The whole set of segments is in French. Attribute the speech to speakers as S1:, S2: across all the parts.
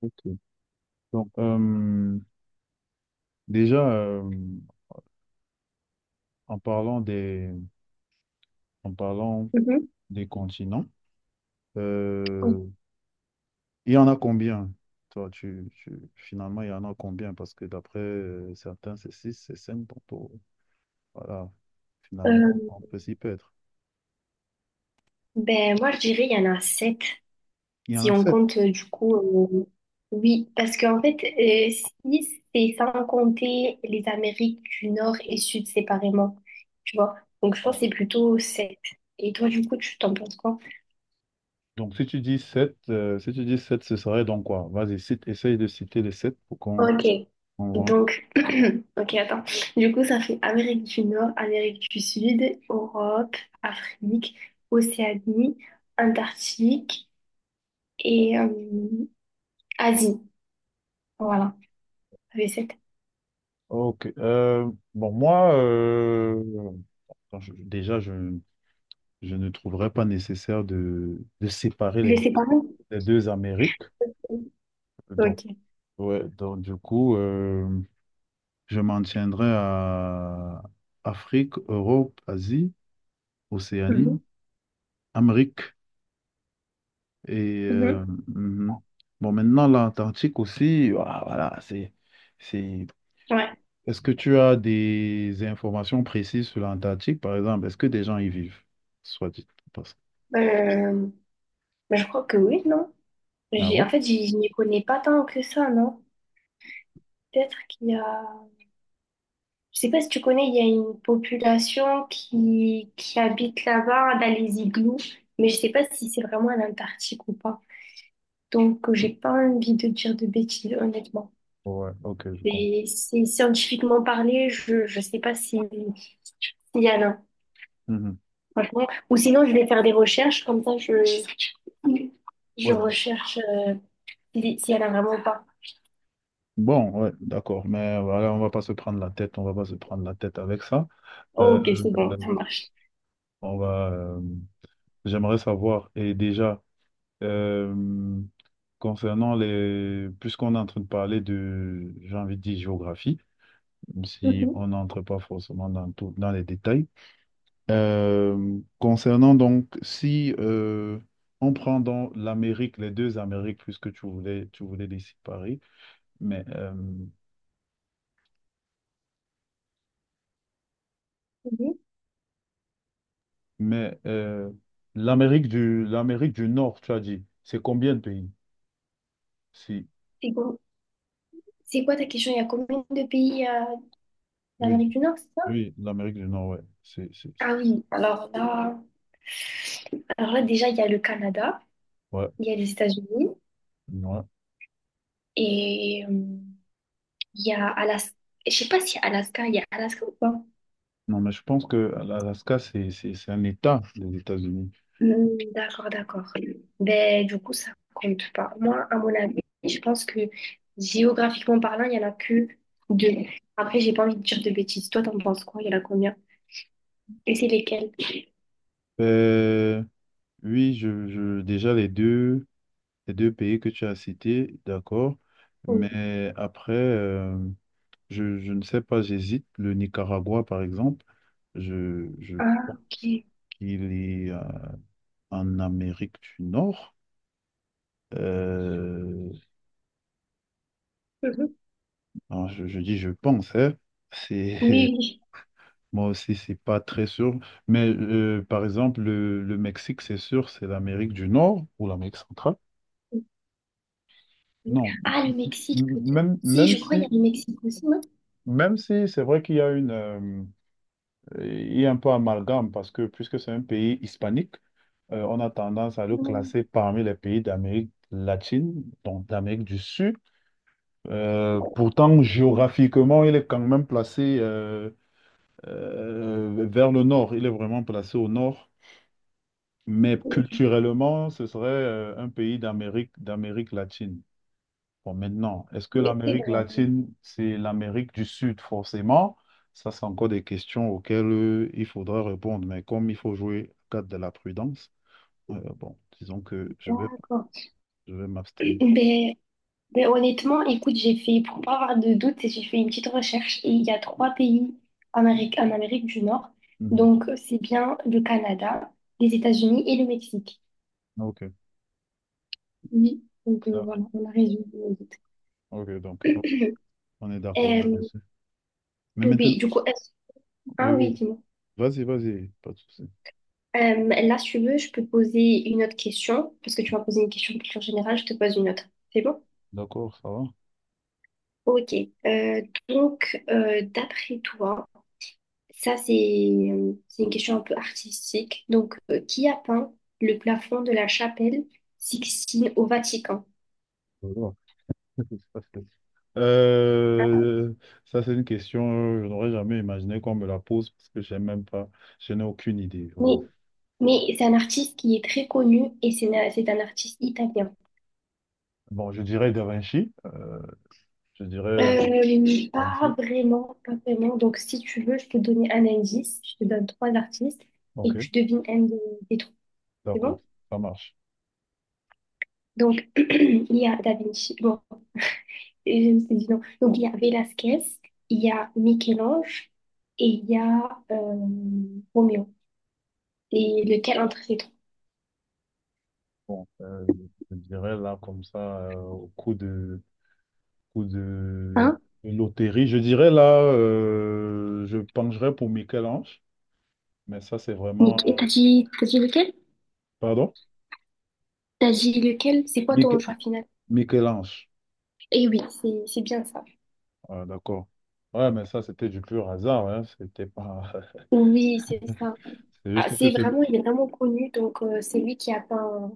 S1: Ok. Donc, déjà, en parlant des, en parlant
S2: Mhm.
S1: des continents, euh, il y en a combien? Toi, finalement, il y en a combien? Parce que d'après certains, c'est six, c'est cinq. Donc, oh, voilà,
S2: Euh,
S1: finalement, on peut s'y perdre.
S2: ben, moi, je dirais il y en a sept,
S1: Il y en
S2: si
S1: a
S2: on
S1: 7.
S2: compte du coup. Oui, parce qu'en fait, si c'est sans compter les Amériques du Nord et Sud séparément, tu vois. Donc, je pense que c'est plutôt sept. Et toi, du coup, tu t'en penses quoi?
S1: Donc, si tu dis 7, si tu dis sept, ce serait donc quoi? Vas-y, cite, essaye de citer les 7 pour qu'on
S2: Ok.
S1: on voit.
S2: Donc, ok, attends. Du coup, ça fait Amérique du Nord, Amérique du Sud, Europe, Afrique, Océanie, Antarctique et Asie. Voilà.
S1: Ok. Bon, moi, attends, déjà, je ne trouverais pas nécessaire de séparer
S2: Les séparer?
S1: les deux Amériques. Donc,
S2: Ok.
S1: ouais, donc du coup, je m'en tiendrai à Afrique, Europe, Asie, Océanie,
S2: Mhm.
S1: Amérique. Et
S2: Mhm.
S1: mhm. Bon, maintenant, l'Antarctique aussi, voilà, voilà, c'est...
S2: Ouais.
S1: Est-ce que tu as des informations précises sur l'Antarctique, par exemple? Est-ce que des gens y vivent, soit dit?
S2: Euh, Bah, je crois que oui, non?
S1: Ah
S2: J'ai, en
S1: bon?
S2: fait, j'y- Je n'y connais pas tant que ça, non? Peut-être qu'il y a... Je sais pas si tu connais, il y a une population qui habite là-bas, dans les igloos, mais je sais pas si c'est vraiment en Antarctique ou pas. Donc, j'ai pas envie de dire de bêtises, honnêtement.
S1: Ouais, ok, je comprends.
S2: Et c'est scientifiquement parlé, je sais pas si, s'il y en a,
S1: Mhm.
S2: franchement. Ou sinon, je vais faire des recherches, comme ça, je... Je
S1: Ouais, bon.
S2: recherche si elle a vraiment ou pas.
S1: Bon, ouais, d'accord. Mais voilà, on va pas se prendre la tête, on va pas se prendre la tête avec ça.
S2: Oh,
S1: Euh,
S2: ok, c'est bon,
S1: euh,
S2: ça marche.
S1: on va, euh, J'aimerais savoir, et déjà, euh, puisqu'on est en train de parler de, j'ai envie de dire géographie, si
S2: Mhm,
S1: on n'entre pas forcément dans tout, dans les détails. Concernant donc, si on prend dans l'Amérique, les deux Amériques, puisque tu voulais les séparer, mais,
S2: mhm.
S1: mais euh, l'Amérique du Nord, tu as dit, c'est combien de pays? Si,
S2: C'est bon, c'est quoi ta question? Il y a combien de pays
S1: oui,
S2: d'Amérique du Nord, c'est ça?
S1: oui, l'Amérique du Nord, ouais. C'est, c'est,
S2: Ah
S1: c'est-
S2: oui, alors là déjà, il y a le Canada,
S1: ouais,
S2: il y a les États-Unis
S1: ouais.
S2: et il y a Alaska. Je sais pas si il y a Alaska ou pas.
S1: Non, mais je pense que l'Alaska, c'est un État des États-Unis.
S2: Hmm, d'accord, d'accord. Ben, du coup, ça compte pas. Moi, à mon avis, je pense que géographiquement parlant, il y en a que deux. Après, j'ai pas envie de dire de bêtises. Toi, t'en penses quoi? Il y en a combien? Et c'est lesquels?
S1: Euh, oui, déjà les deux pays que tu as cités, d'accord.
S2: Oh,
S1: Mais après, je ne sais pas, j'hésite. Le Nicaragua, par exemple, je
S2: ah,
S1: pense
S2: ok.
S1: qu'il est en Amérique du Nord. Euh,
S2: Mhm.
S1: alors, je dis je pense, hein. C'est,
S2: Oui, oui.
S1: moi aussi, c'est pas très sûr. Mais par exemple, le Mexique, c'est sûr, c'est l'Amérique du Nord ou l'Amérique centrale.
S2: Mhm.
S1: Non,
S2: Ah, le
S1: m-
S2: Mexique,
S1: m-
S2: peut-être.
S1: même,
S2: Si,
S1: même
S2: je crois qu'il y a
S1: si,
S2: le Mexique aussi, non?
S1: même si c'est vrai qu'il y a un peu amalgame parce que puisque c'est un pays hispanique, on a tendance à le
S2: Mhm.
S1: classer parmi les pays d'Amérique latine, donc d'Amérique du Sud. Pourtant, géographiquement, il est quand même placé vers le nord. Il est vraiment placé au nord. Mais culturellement, ce serait un pays d'Amérique latine. Bon, maintenant, est-ce que
S2: Oui, c'est
S1: l'Amérique
S2: vrai.
S1: latine, c'est l'Amérique du Sud forcément? Ça, c'est encore des questions auxquelles il faudra répondre. Mais comme il faut jouer au cadre de la prudence, bon, disons que
S2: D'accord.
S1: je vais m'abstenir.
S2: Ben, mais honnêtement, écoute, pour pas avoir de doute, j'ai fait une petite recherche et il y a trois pays en Amérique du Nord.
S1: Mhm.
S2: Donc, c'est bien le Canada, les États-Unis et le Mexique.
S1: Ok,
S2: Oui. Donc,
S1: d'accord.
S2: voilà, on a résolu le
S1: Ok, donc,
S2: doute.
S1: on est d'accord
S2: Euh,
S1: là-dessus. Mais maintenant,
S2: oui, du coup,
S1: oui,
S2: ah
S1: oui,
S2: oui,
S1: oui.
S2: dis-moi.
S1: Vas-y, vas-y, pas de souci.
S2: Là, si tu veux, je peux poser une autre question, parce que tu m'as posé une question de culture générale, je te pose une autre. C'est bon?
S1: D'accord, ça va?
S2: Ok. Euh, D'après toi, ça, c'est une question un peu artistique. Donc, qui a peint le plafond de la chapelle Sixtine au Vatican?
S1: Ça va. Ça, c'est- Euh, ça, c'est une question, je n'aurais jamais imaginé qu'on me la pose parce que j'ai même pas, je n'ai aucune idée,
S2: Mais,
S1: vraiment.
S2: mais c'est un artiste qui est très connu et c'est un artiste italien.
S1: Bon, je dirais Da Vinci. Je dirais Da
S2: Pas
S1: Vinci.
S2: vraiment, pas vraiment. Donc, si tu veux, je peux te donner un indice. Je te donne trois artistes et
S1: Ok,
S2: tu devines un des trois. C'est
S1: d'accord,
S2: bon?
S1: ça marche.
S2: Donc, il y a Da Vinci. Bon, et je me suis dit non. Donc, il y a Velasquez, il y a Michel-Ange et il y a Roméo. Et lequel entre ces trois?
S1: Bon, je dirais là comme ça, au coup de, coup de,
S2: Hein?
S1: de loterie, je dirais là, je pencherais pour Michel-Ange, mais ça c'est
S2: Nick.
S1: vraiment...
S2: Et t'as dit lequel?
S1: Pardon?
S2: T'as dit lequel? C'est quoi ton
S1: Mich-
S2: choix final?
S1: Michel-Ange.
S2: Et oui, c'est bien ça.
S1: Ah, d'accord. Ouais, mais ça c'était du pur hasard, hein. C'était pas...
S2: Oui, c'est ça.
S1: C'est
S2: Ah,
S1: juste que
S2: c'est
S1: c'est le...
S2: vraiment, il est vraiment connu. Donc, c'est lui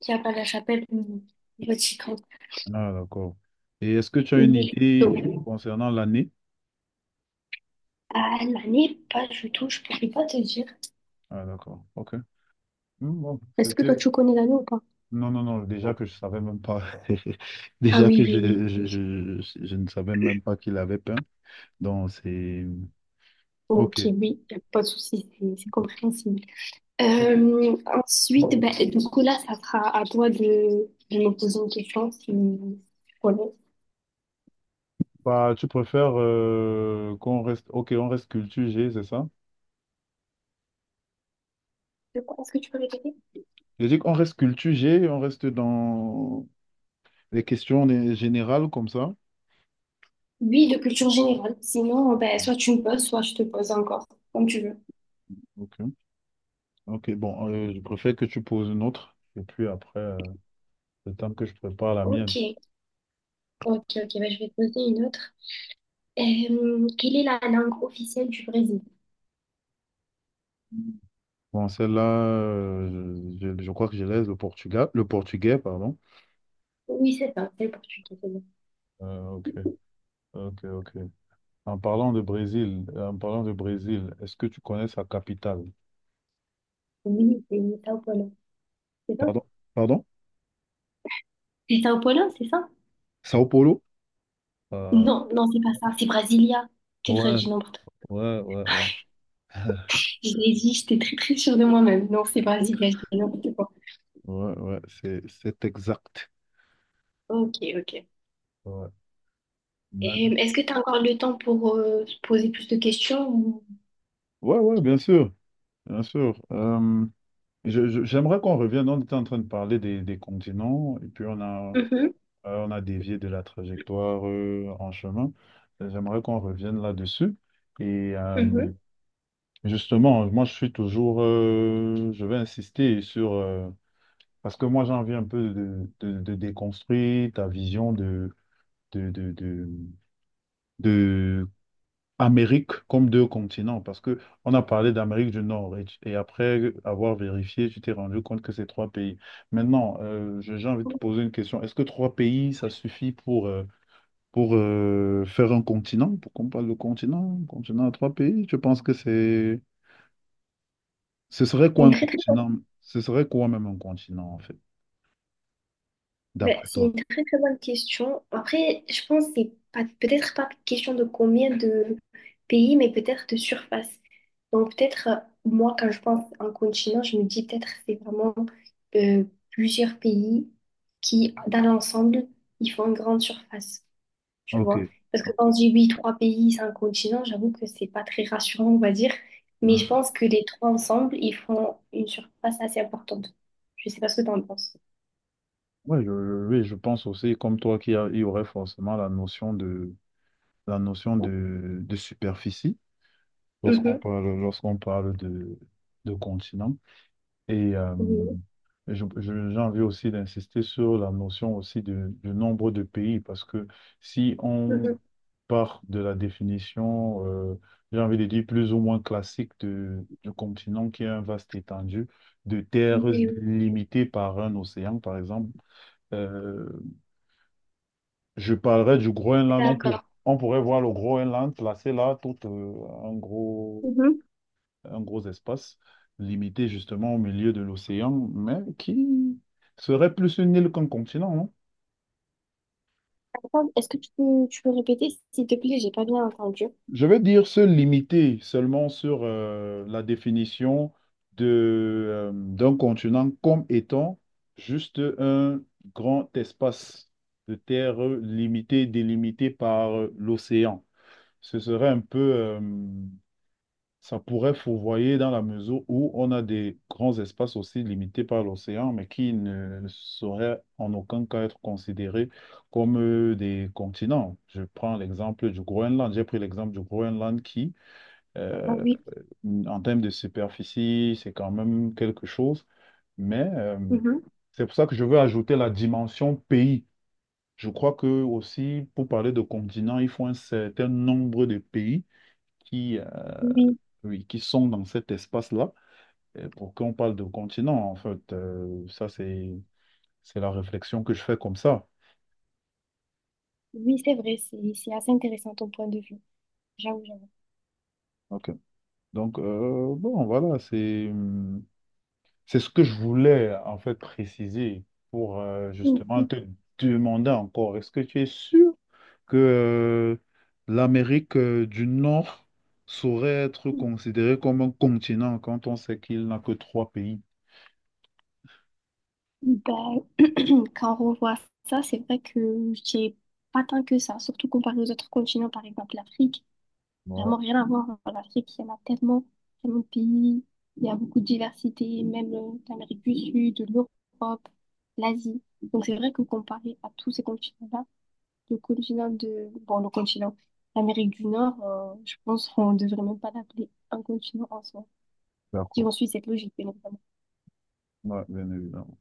S2: qui a peint la chapelle du Vatican.
S1: Ah, d'accord. Et est-ce que tu as une
S2: Oui.
S1: idée
S2: Donc,
S1: concernant l'année?
S2: à l'année, pas du tout, je pourrais pas te dire.
S1: Ah, d'accord, ok. Hmm, bon,
S2: Est-ce que toi,
S1: c'était...
S2: tu connais l'année ou pas?
S1: Non, non, non, déjà que je savais même pas.
S2: Ah
S1: Déjà que
S2: oui, oui, oui.
S1: je ne savais même pas qu'il avait peint. Donc, c'est...
S2: Ok,
S1: OK.
S2: oui, y a pas de souci, c'est compréhensible.
S1: Ok.
S2: Ensuite, ben, du coup, là, ça sera à toi de me poser une question si tu connais.
S1: Bah, tu préfères qu'on reste... OK, on reste culture G, c'est ça?
S2: De quoi? Est-ce que tu peux répéter?
S1: J'ai dit qu'on reste culture G, on reste dans les questions générales comme ça.
S2: Oui, de culture générale. Sinon, ben, soit tu me poses, soit je te pose encore, comme tu veux.
S1: OK. OK, bon, je préfère que tu poses une autre. Et puis après, le temps que je prépare la
S2: Ok,
S1: mienne.
S2: ok, bah, je vais te poser une autre. Quelle est la langue officielle du Brésil?
S1: Bon, celle-là, je crois que je laisse le Portugal, le portugais, pardon.
S2: Oui, c'est ça, c'est le portugais, c'est bon.
S1: Ok. Ok, ok. En parlant de Brésil, en parlant de Brésil, est-ce que tu connais sa capitale?
S2: Oui, c'est Sao Paulo, c'est ça?
S1: Pardon? Pardon?
S2: C'est Sao Paulo, c'est ça?
S1: Sao Paulo? Euh,
S2: Non, non, c'est pas ça, c'est Brasilia. Qu'est-ce que
S1: ouais, ouais, ouais, ouais.
S2: je l'ai dit, j'étais très très sûre de moi-même. Non, c'est Brasilia, je dis n'importe quoi.
S1: Ouais, ouais, c'est exact.
S2: Ok, ok.
S1: Ouais,
S2: Et
S1: Mais-
S2: est-ce que tu as encore le temps pour se poser plus de questions ou-
S1: ouais, ouais, bien sûr, bien sûr. J'aimerais qu'on revienne. On était en train de parler des continents et puis
S2: Mhm,
S1: on a dévié de la trajectoire en chemin. J'aimerais qu'on revienne là-dessus. Et
S2: mhm.
S1: justement, moi je suis toujours, je vais insister sur, parce que moi j'ai envie un peu de déconstruire ta vision de, de, de, de Amérique comme deux continents, parce que on a parlé d'Amérique du Nord et, et après avoir vérifié, tu t'es rendu compte que c'est trois pays. Maintenant, j'ai envie de te poser une question. Est-ce que trois pays, ça suffit pour faire un continent, pour qu'on parle de continent, continent à trois pays? Je pense que c'est... Ce serait quoi
S2: Une
S1: un
S2: très, très bonne-
S1: continent? Ce serait quoi même un continent, en fait,
S2: ben,
S1: d'après
S2: c'est une
S1: toi?
S2: très très bonne question. Après, je pense que c'est pas peut-être pas question de combien de pays, mais peut-être de surface. Donc peut-être moi quand je pense en continent, je me dis peut-être c'est vraiment euh, plusieurs pays qui dans l'ensemble ils font une grande surface. Tu
S1: Ok.
S2: vois. Parce que
S1: Ok.
S2: quand on dit oui, trois pays, cinq continents, j'avoue que c'est pas très rassurant, on va dire. Mais je
S1: Hmm.
S2: pense que les trois ensemble, ils font une surface assez importante. Je sais pas ce que t'en penses.
S1: Ouais, oui, je pense aussi, comme toi, qu'il y aurait forcément la notion de superficie
S2: Mhm,
S1: lorsqu'on parle de continent. Et
S2: mhm,
S1: j'ai envie aussi d'insister sur la notion aussi du nombre de pays, parce que si on
S2: mhm.
S1: part de la définition, j'ai envie de dire plus ou moins classique du continent, qui est un vaste étendu de
S2: Oui,
S1: terres
S2: oui.
S1: limitées par un océan, par exemple, euh, je parlerai du Groenland. On, pour-
S2: D'accord.
S1: on pourrait voir le Groenland placé là, tout en gros
S2: Mhm.
S1: un gros espace limité justement au milieu de l'océan, mais qui serait plus une île qu'un continent, hein.
S2: Attends, est-ce que tu peux répéter, s'il te plaît? J'ai pas bien entendu.
S1: Je veux dire se limiter seulement sur la définition de, d'un continent comme étant juste un grand espace de terre limité, délimité par l'océan. Ce serait un peu... Ça pourrait fourvoyer dans la mesure où on a des grands espaces aussi limités par l'océan, mais qui ne sauraient en aucun cas être considérés comme des continents. Je prends l'exemple du Groenland. J'ai pris l'exemple du Groenland qui,
S2: Ah
S1: euh,
S2: oui,
S1: en termes de superficie, c'est quand même quelque chose, mais
S2: mhm.
S1: c'est pour ça que je veux ajouter la dimension pays. Je crois que aussi, pour parler de continent, il faut un certain nombre de pays qui,
S2: Oui,
S1: oui, qui sont dans cet espace-là. Pour qu'on parle de continent, en fait, ça, c'est la réflexion que je fais comme ça.
S2: oui, c'est vrai, c'est assez intéressant ton point de vue. J'avoue, j'avoue.
S1: OK. Donc, bon, voilà, c'est ce que je voulais, en fait, préciser pour justement
S2: Mhm.
S1: te demander encore, est-ce que tu es sûr que l'Amérique du Nord saurait être considérée comme un continent quand on sait qu'il n'a que trois pays?
S2: D'accord. Quand on revoit ça, c'est vrai que j'ai pas tant que ça, surtout comparé aux autres continents, par exemple l'Afrique.
S1: Ouais,
S2: Vraiment rien à voir. En Afrique, il y en a tellement, tellement de pays, il y a beaucoup de diversité, même l'Amérique du Sud, l'Europe, l'Asie. Donc c'est vrai que comparé à tous ces continents-là, le continent de... Bon, le continent, l'Amérique du Nord, je pense qu'on ne devrait même pas l'appeler un continent en soi, si
S1: d'accord.
S2: on suit cette logique, bien évidemment.
S1: Ouais, bien évidemment.